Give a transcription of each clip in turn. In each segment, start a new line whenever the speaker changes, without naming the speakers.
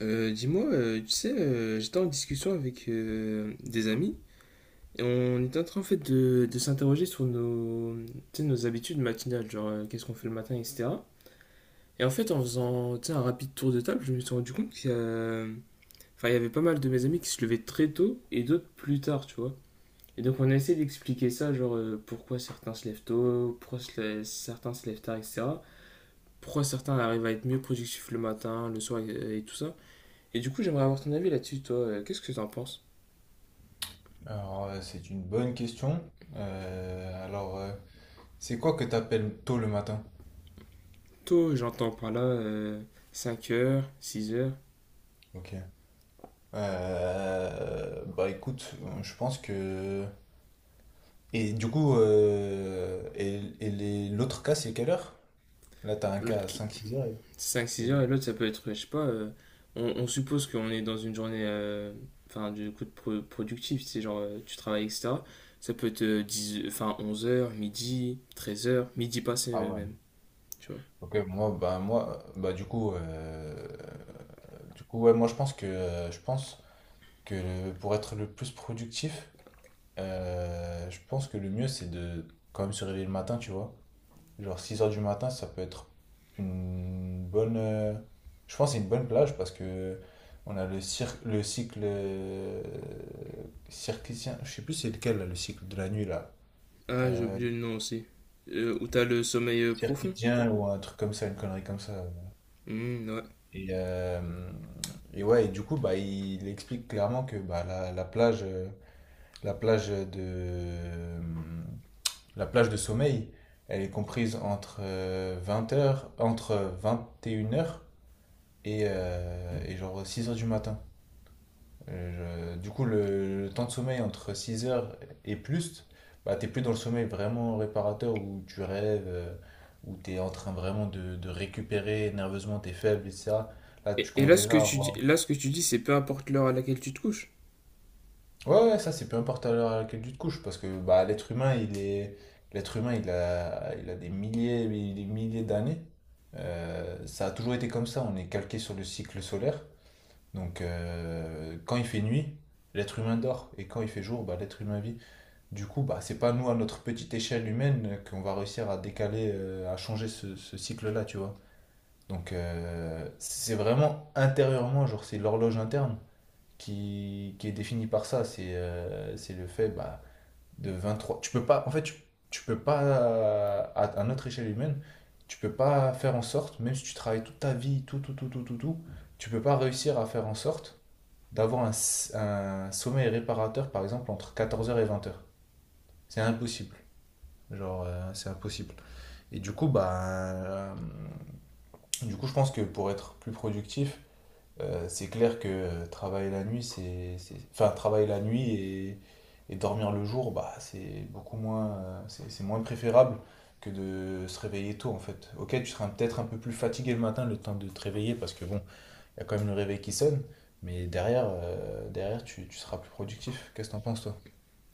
J'étais en discussion avec des amis et on était en train en fait de s'interroger sur nos, nos habitudes matinales, genre qu'est-ce qu'on fait le matin, etc. Et en fait, en faisant un rapide tour de table, je me suis rendu compte enfin, il y avait pas mal de mes amis qui se levaient très tôt et d'autres plus tard, tu vois. Et donc on a essayé d'expliquer ça, genre pourquoi certains se lèvent tôt, certains se lèvent tard, etc. Pourquoi certains arrivent à être mieux productifs le matin, le soir et tout ça. Et du coup, j'aimerais avoir ton avis là-dessus, toi. Qu'est-ce que t'en penses?
Alors, c'est une bonne question. Euh, alors, euh, c'est quoi que t'appelles tôt le matin?
Tôt, j'entends par là 5 heures, 6 heures.
Ok. Bah écoute, je pense que... Et du coup, l'autre cas, c'est quelle heure? Là, t'as un cas
L'autre
à
qui...
5 6 heures.
Cinq,
et
six heures
l'autre-
et l'autre, ça peut être, je sais pas, euh, on suppose qu'on est dans une journée, enfin, du coup, productif, c'est genre, tu travailles, etc. Ça peut être 10, enfin, 11 heures, midi, 13 heures, midi passé
Ah ouais.
même, tu vois.
Ok, bah moi, bah du coup, ouais, moi je pense que pour être le plus productif, je pense que le mieux, c'est de quand même se réveiller le matin, tu vois. Genre 6 heures du matin, ça peut être une bonne. Je pense que c'est une bonne plage parce que on a le cycle circadien. Je sais plus c'est lequel là, le cycle de la nuit là.
Ah, j'ai
Euh,
oublié le nom aussi. Où t'as le sommeil profond.
Circadien ou un truc comme ça, une connerie comme ça.
Hmm, ouais.
Et, euh, et ouais, et du coup, bah, il explique clairement que bah, la plage, la plage de, euh, la plage de sommeil, elle est comprise entre 21 heures et genre 6 heures du matin. Du coup, le temps de sommeil entre 6 heures et plus, bah, t'es plus dans le sommeil vraiment réparateur où tu rêves, où t'es en train vraiment de récupérer nerveusement tes faibles, etc. Là,
Et,
tu
et
commences
là, ce
déjà
que
à
tu dis,
avoir...
là, ce que tu dis, c'est peu importe l'heure à laquelle tu te couches.
Ouais, ouais, ça, c'est peu importe à l'heure à laquelle tu te couches, parce que bah, l'être humain, il est... L'être humain, il a des milliers, et des milliers d'années. Ça a toujours été comme ça, on est calqué sur le cycle solaire. Donc, quand il fait nuit, l'être humain dort. Et quand il fait jour, bah, l'être humain vit. Du coup, bah, c'est pas nous, à notre petite échelle humaine, qu'on va réussir à décaler, à changer ce cycle-là, tu vois. Donc, c'est vraiment intérieurement, genre, c'est l'horloge interne qui est définie par ça. C'est le fait bah, de trois. Tu peux pas, en fait, tu peux pas, à notre échelle humaine, tu peux pas faire en sorte, même si tu travailles toute ta vie, tout, tout, tout, tout, tout, tout, tu peux pas réussir à faire en sorte d'avoir un sommeil réparateur, par exemple, entre 14 heures et 20 heures. C'est impossible. Genre, c'est impossible. Et du coup, bah, je pense que pour être plus productif, c'est clair que travailler la nuit, enfin, travailler la nuit et dormir le jour, bah, c'est beaucoup moins, c'est moins préférable que de se réveiller tôt, en fait. Ok, tu seras peut-être un peu plus fatigué le matin, le temps de te réveiller, parce que bon, il y a quand même le réveil qui sonne, mais derrière tu seras plus productif. Qu'est-ce que t'en penses, toi?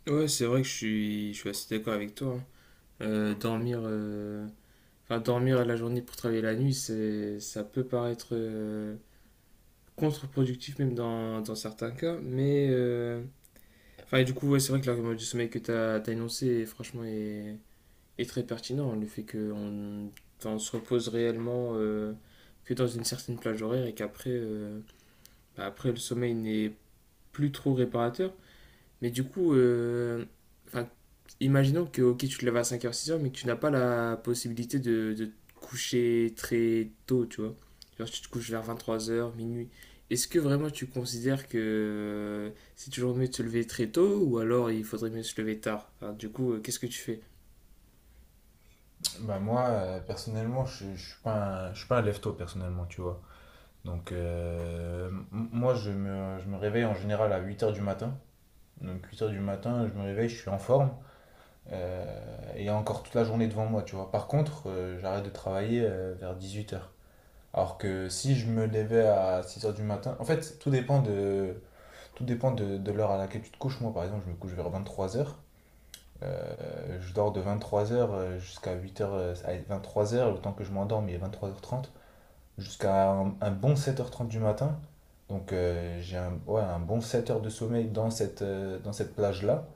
Ouais, c'est vrai que je suis assez d'accord avec toi, hein. Euh, dormir, euh, enfin, dormir la journée pour travailler la nuit, ça peut paraître contre-productif même dans certains cas. Mais enfin, et du coup, ouais, c'est vrai que l'argument du sommeil que tu as énoncé, franchement, est très pertinent. Le fait qu'on enfin, on se repose réellement que dans une certaine plage horaire et qu'après, bah, après, le sommeil n'est plus trop réparateur. Mais du coup, enfin, imaginons que ok, tu te lèves à cinq heures six heures mais que tu n'as pas la possibilité de te coucher très tôt, tu vois. Genre, tu te couches vers vingt trois heures minuit. Est-ce que vraiment tu considères que c'est toujours mieux de se lever très tôt ou alors il faudrait mieux se lever tard? Enfin, du coup, qu'est-ce que tu fais?
Bah moi, personnellement, je suis pas un lève-tôt, personnellement, tu vois. Donc, moi, je me réveille en général à 8 heures du matin. Donc, 8 heures du matin, je me réveille, je suis en forme. Et il y a encore toute la journée devant moi, tu vois. Par contre, j'arrête de travailler vers 8 heures. Alors que si je me levais à 6 heures du matin, en fait, tout dépend de l'heure à laquelle tu te couches. Moi, par exemple, je me couche vers 23 heures. Je dors de 23 heures jusqu'à 8 heures, 23 heures, le temps que je m'endorme, il est 23h30, jusqu'à un bon 7h30 du matin. Donc, j'ai un, ouais, un bon 7 heures de sommeil dans cette plage-là.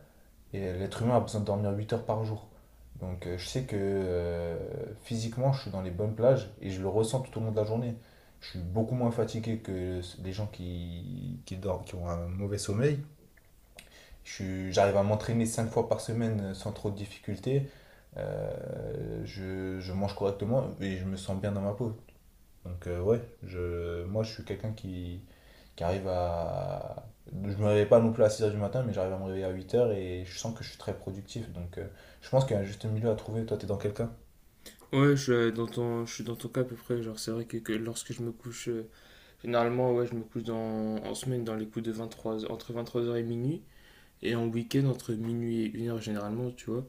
Et l'être humain a besoin de dormir 8 heures par jour. Donc, je sais que physiquement, je suis dans les bonnes plages et je le ressens tout au long de la journée. Je suis beaucoup moins fatigué que les gens qui dorment, qui ont un mauvais sommeil. J'arrive à m'entraîner 5 fois par semaine sans trop de difficultés. Je mange correctement et je me sens bien dans ma peau. Donc, ouais, moi je suis quelqu'un qui arrive à... Je me réveille pas non plus à 6 heures du matin, mais j'arrive à me réveiller à 8 heures et je sens que je suis très productif. Donc, je pense qu'il y a un juste milieu à trouver. Toi, t'es dans quelqu'un?
Ouais, je suis je suis dans ton cas à peu près. Genre, c'est vrai que lorsque je me couche, généralement, ouais, je me couche en semaine dans les coups de vingt trois entre 23 heures et minuit. Et en week-end, entre minuit et une heure généralement, tu vois.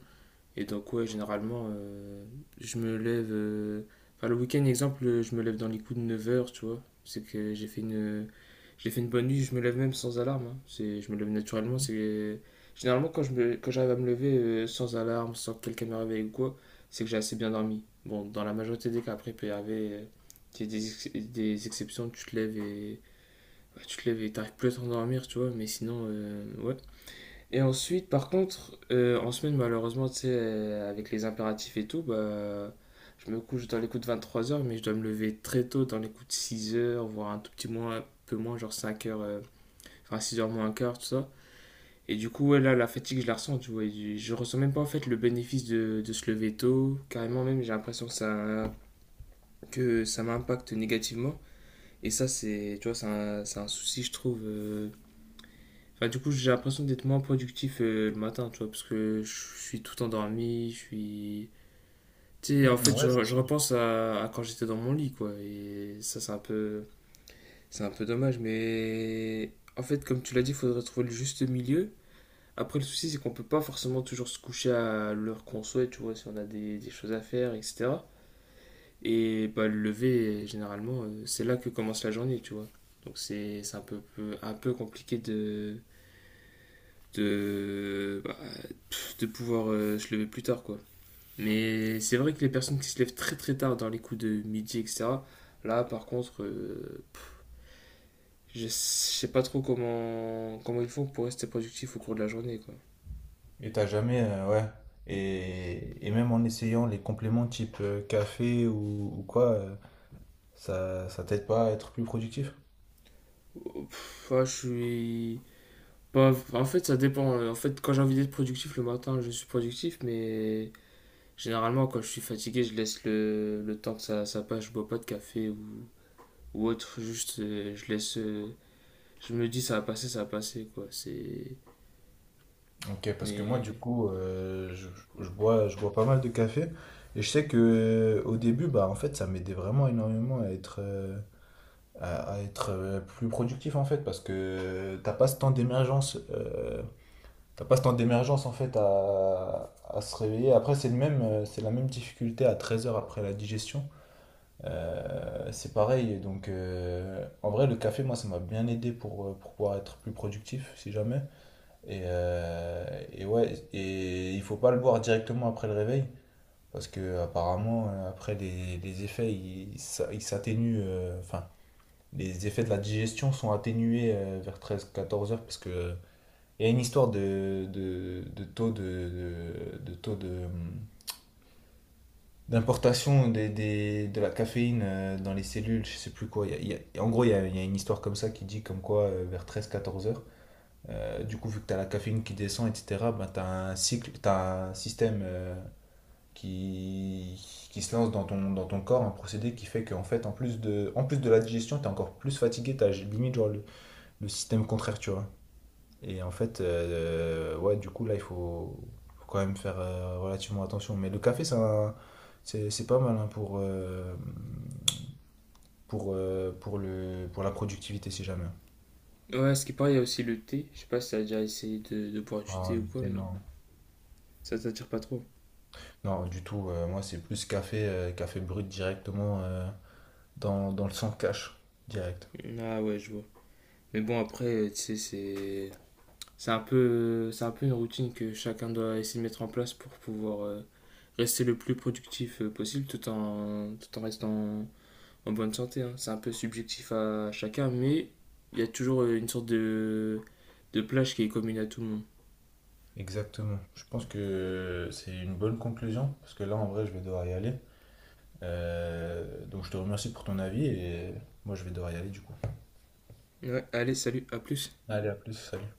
Et donc, ouais, généralement, je me lève. Enfin, le week-end, exemple, je me lève dans les coups de neuf heures tu vois. C'est que j'ai fait une bonne nuit, je me lève même sans alarme, hein. C'est, je me lève naturellement. C'est, généralement, quand j'arrive à me lever sans alarme, sans que quelqu'un me réveille ou quoi, c'est que j'ai assez bien dormi. Bon, dans la majorité des cas, après, il peut y arriver des exceptions, tu te lèves et. Bah, tu te lèves et t'arrives plus à t'endormir, tu vois, mais sinon, ouais. Et ensuite, par contre, en semaine, malheureusement, tu sais, avec les impératifs et tout, bah, je me couche dans les coups de 23 heures mais je dois me lever très tôt, dans les coups de six heures voire un tout petit moins, un peu moins, genre cinq heures enfin six heures moins un quart, tout ça. Et du coup, ouais, là, la fatigue, je la ressens, tu vois. Et je ressens même pas, en fait, le bénéfice de se lever tôt. Carrément, même, j'ai l'impression que ça m'impacte négativement. Et ça, tu vois, c'est un souci, je trouve, enfin, du coup, j'ai l'impression d'être moins productif le matin, tu vois, parce que je suis tout endormi, je suis... Tu sais, en fait,
Mhm. Ouais, c'est
je
sûr.
repense à quand j'étais dans mon lit, quoi, et ça, c'est un peu... C'est un peu dommage, mais... En fait, comme tu l'as dit, il faudrait trouver le juste milieu. Après, le souci, c'est qu'on peut pas forcément toujours se coucher à l'heure qu'on souhaite, tu vois, si on a des choses à faire, etc. Et bah, le lever, généralement, c'est là que commence la journée, tu vois. Donc c'est un peu, un peu compliqué de bah, de pouvoir se lever plus tard, quoi. Mais c'est vrai que les personnes qui se lèvent très très tard dans les coups de midi, etc., là par contre, je sais pas trop comment ils font pour rester productif au cours de la journée, quoi.
Et t'as jamais, ouais. Et même en essayant les compléments type café ou quoi, ça t'aide pas à être plus productif?
Oh, pff, ouais, je suis. Pas- en fait, ça dépend. En fait, quand j'ai envie d'être productif le matin, je suis productif, mais généralement, quand je suis fatigué, je laisse le temps ça passe, je bois pas de café ou autre, juste je me dis, ça va passer, quoi. C'est.
Ok, parce que moi, du
Mais.
coup, je bois pas mal de café. Et je sais que au début, bah, en fait, ça m'aidait vraiment énormément à être, plus productif, en fait, parce que t'as pas ce temps d'émergence, en fait, à se réveiller. Après, c'est la même difficulté à 13 heures après la digestion. C'est pareil. Donc, en vrai, le café, moi, ça m'a bien aidé pour pouvoir être plus productif, si jamais. Et ouais, et il faut pas le boire directement après le réveil, parce que apparemment après les effets ils s'atténuent, enfin les effets de la digestion sont atténués vers 13 14 heures, parce que il y a une histoire de taux de taux de d'importation de la caféine dans les cellules, je sais plus quoi. En gros, il y a une histoire comme ça qui dit comme quoi vers 13 14 heures. Du coup, vu que tu as la caféine qui descend, etc., ben, tu as un cycle, tu un système qui, qui se lance dans ton corps, un procédé qui fait qu'en fait, en plus de la digestion, tu es encore plus fatigué, tu as limite genre, le système contraire, tu vois. Et en fait, ouais, du coup, là, faut quand même faire relativement attention. Mais le café, c'est un- c'est pas mal hein, pour la productivité, si jamais.
Ouais, ce qui paraît, il y a aussi le thé. Je sais pas si t'as déjà essayé de boire du
Non,
thé ou
le
quoi,
thé,
mais
non.
ça t'attire pas trop.
Non, du tout. Moi, c'est plus café, café brut directement dans le sang cash, direct.
Ah ouais, je vois. Mais bon, après, tu sais, c'est. C'est un peu une routine que chacun doit essayer de mettre en place pour pouvoir rester le plus productif possible tout en restant en bonne santé, hein. C'est un peu subjectif à chacun, mais il y a toujours une sorte de plage qui est commune à tout le monde.
Exactement. Je pense que c'est une bonne conclusion, parce que là, en vrai, je vais devoir y aller. Donc, je te remercie pour ton avis et moi, je vais devoir y aller du coup.
Ouais, allez, salut, à plus.
Allez, à plus, salut.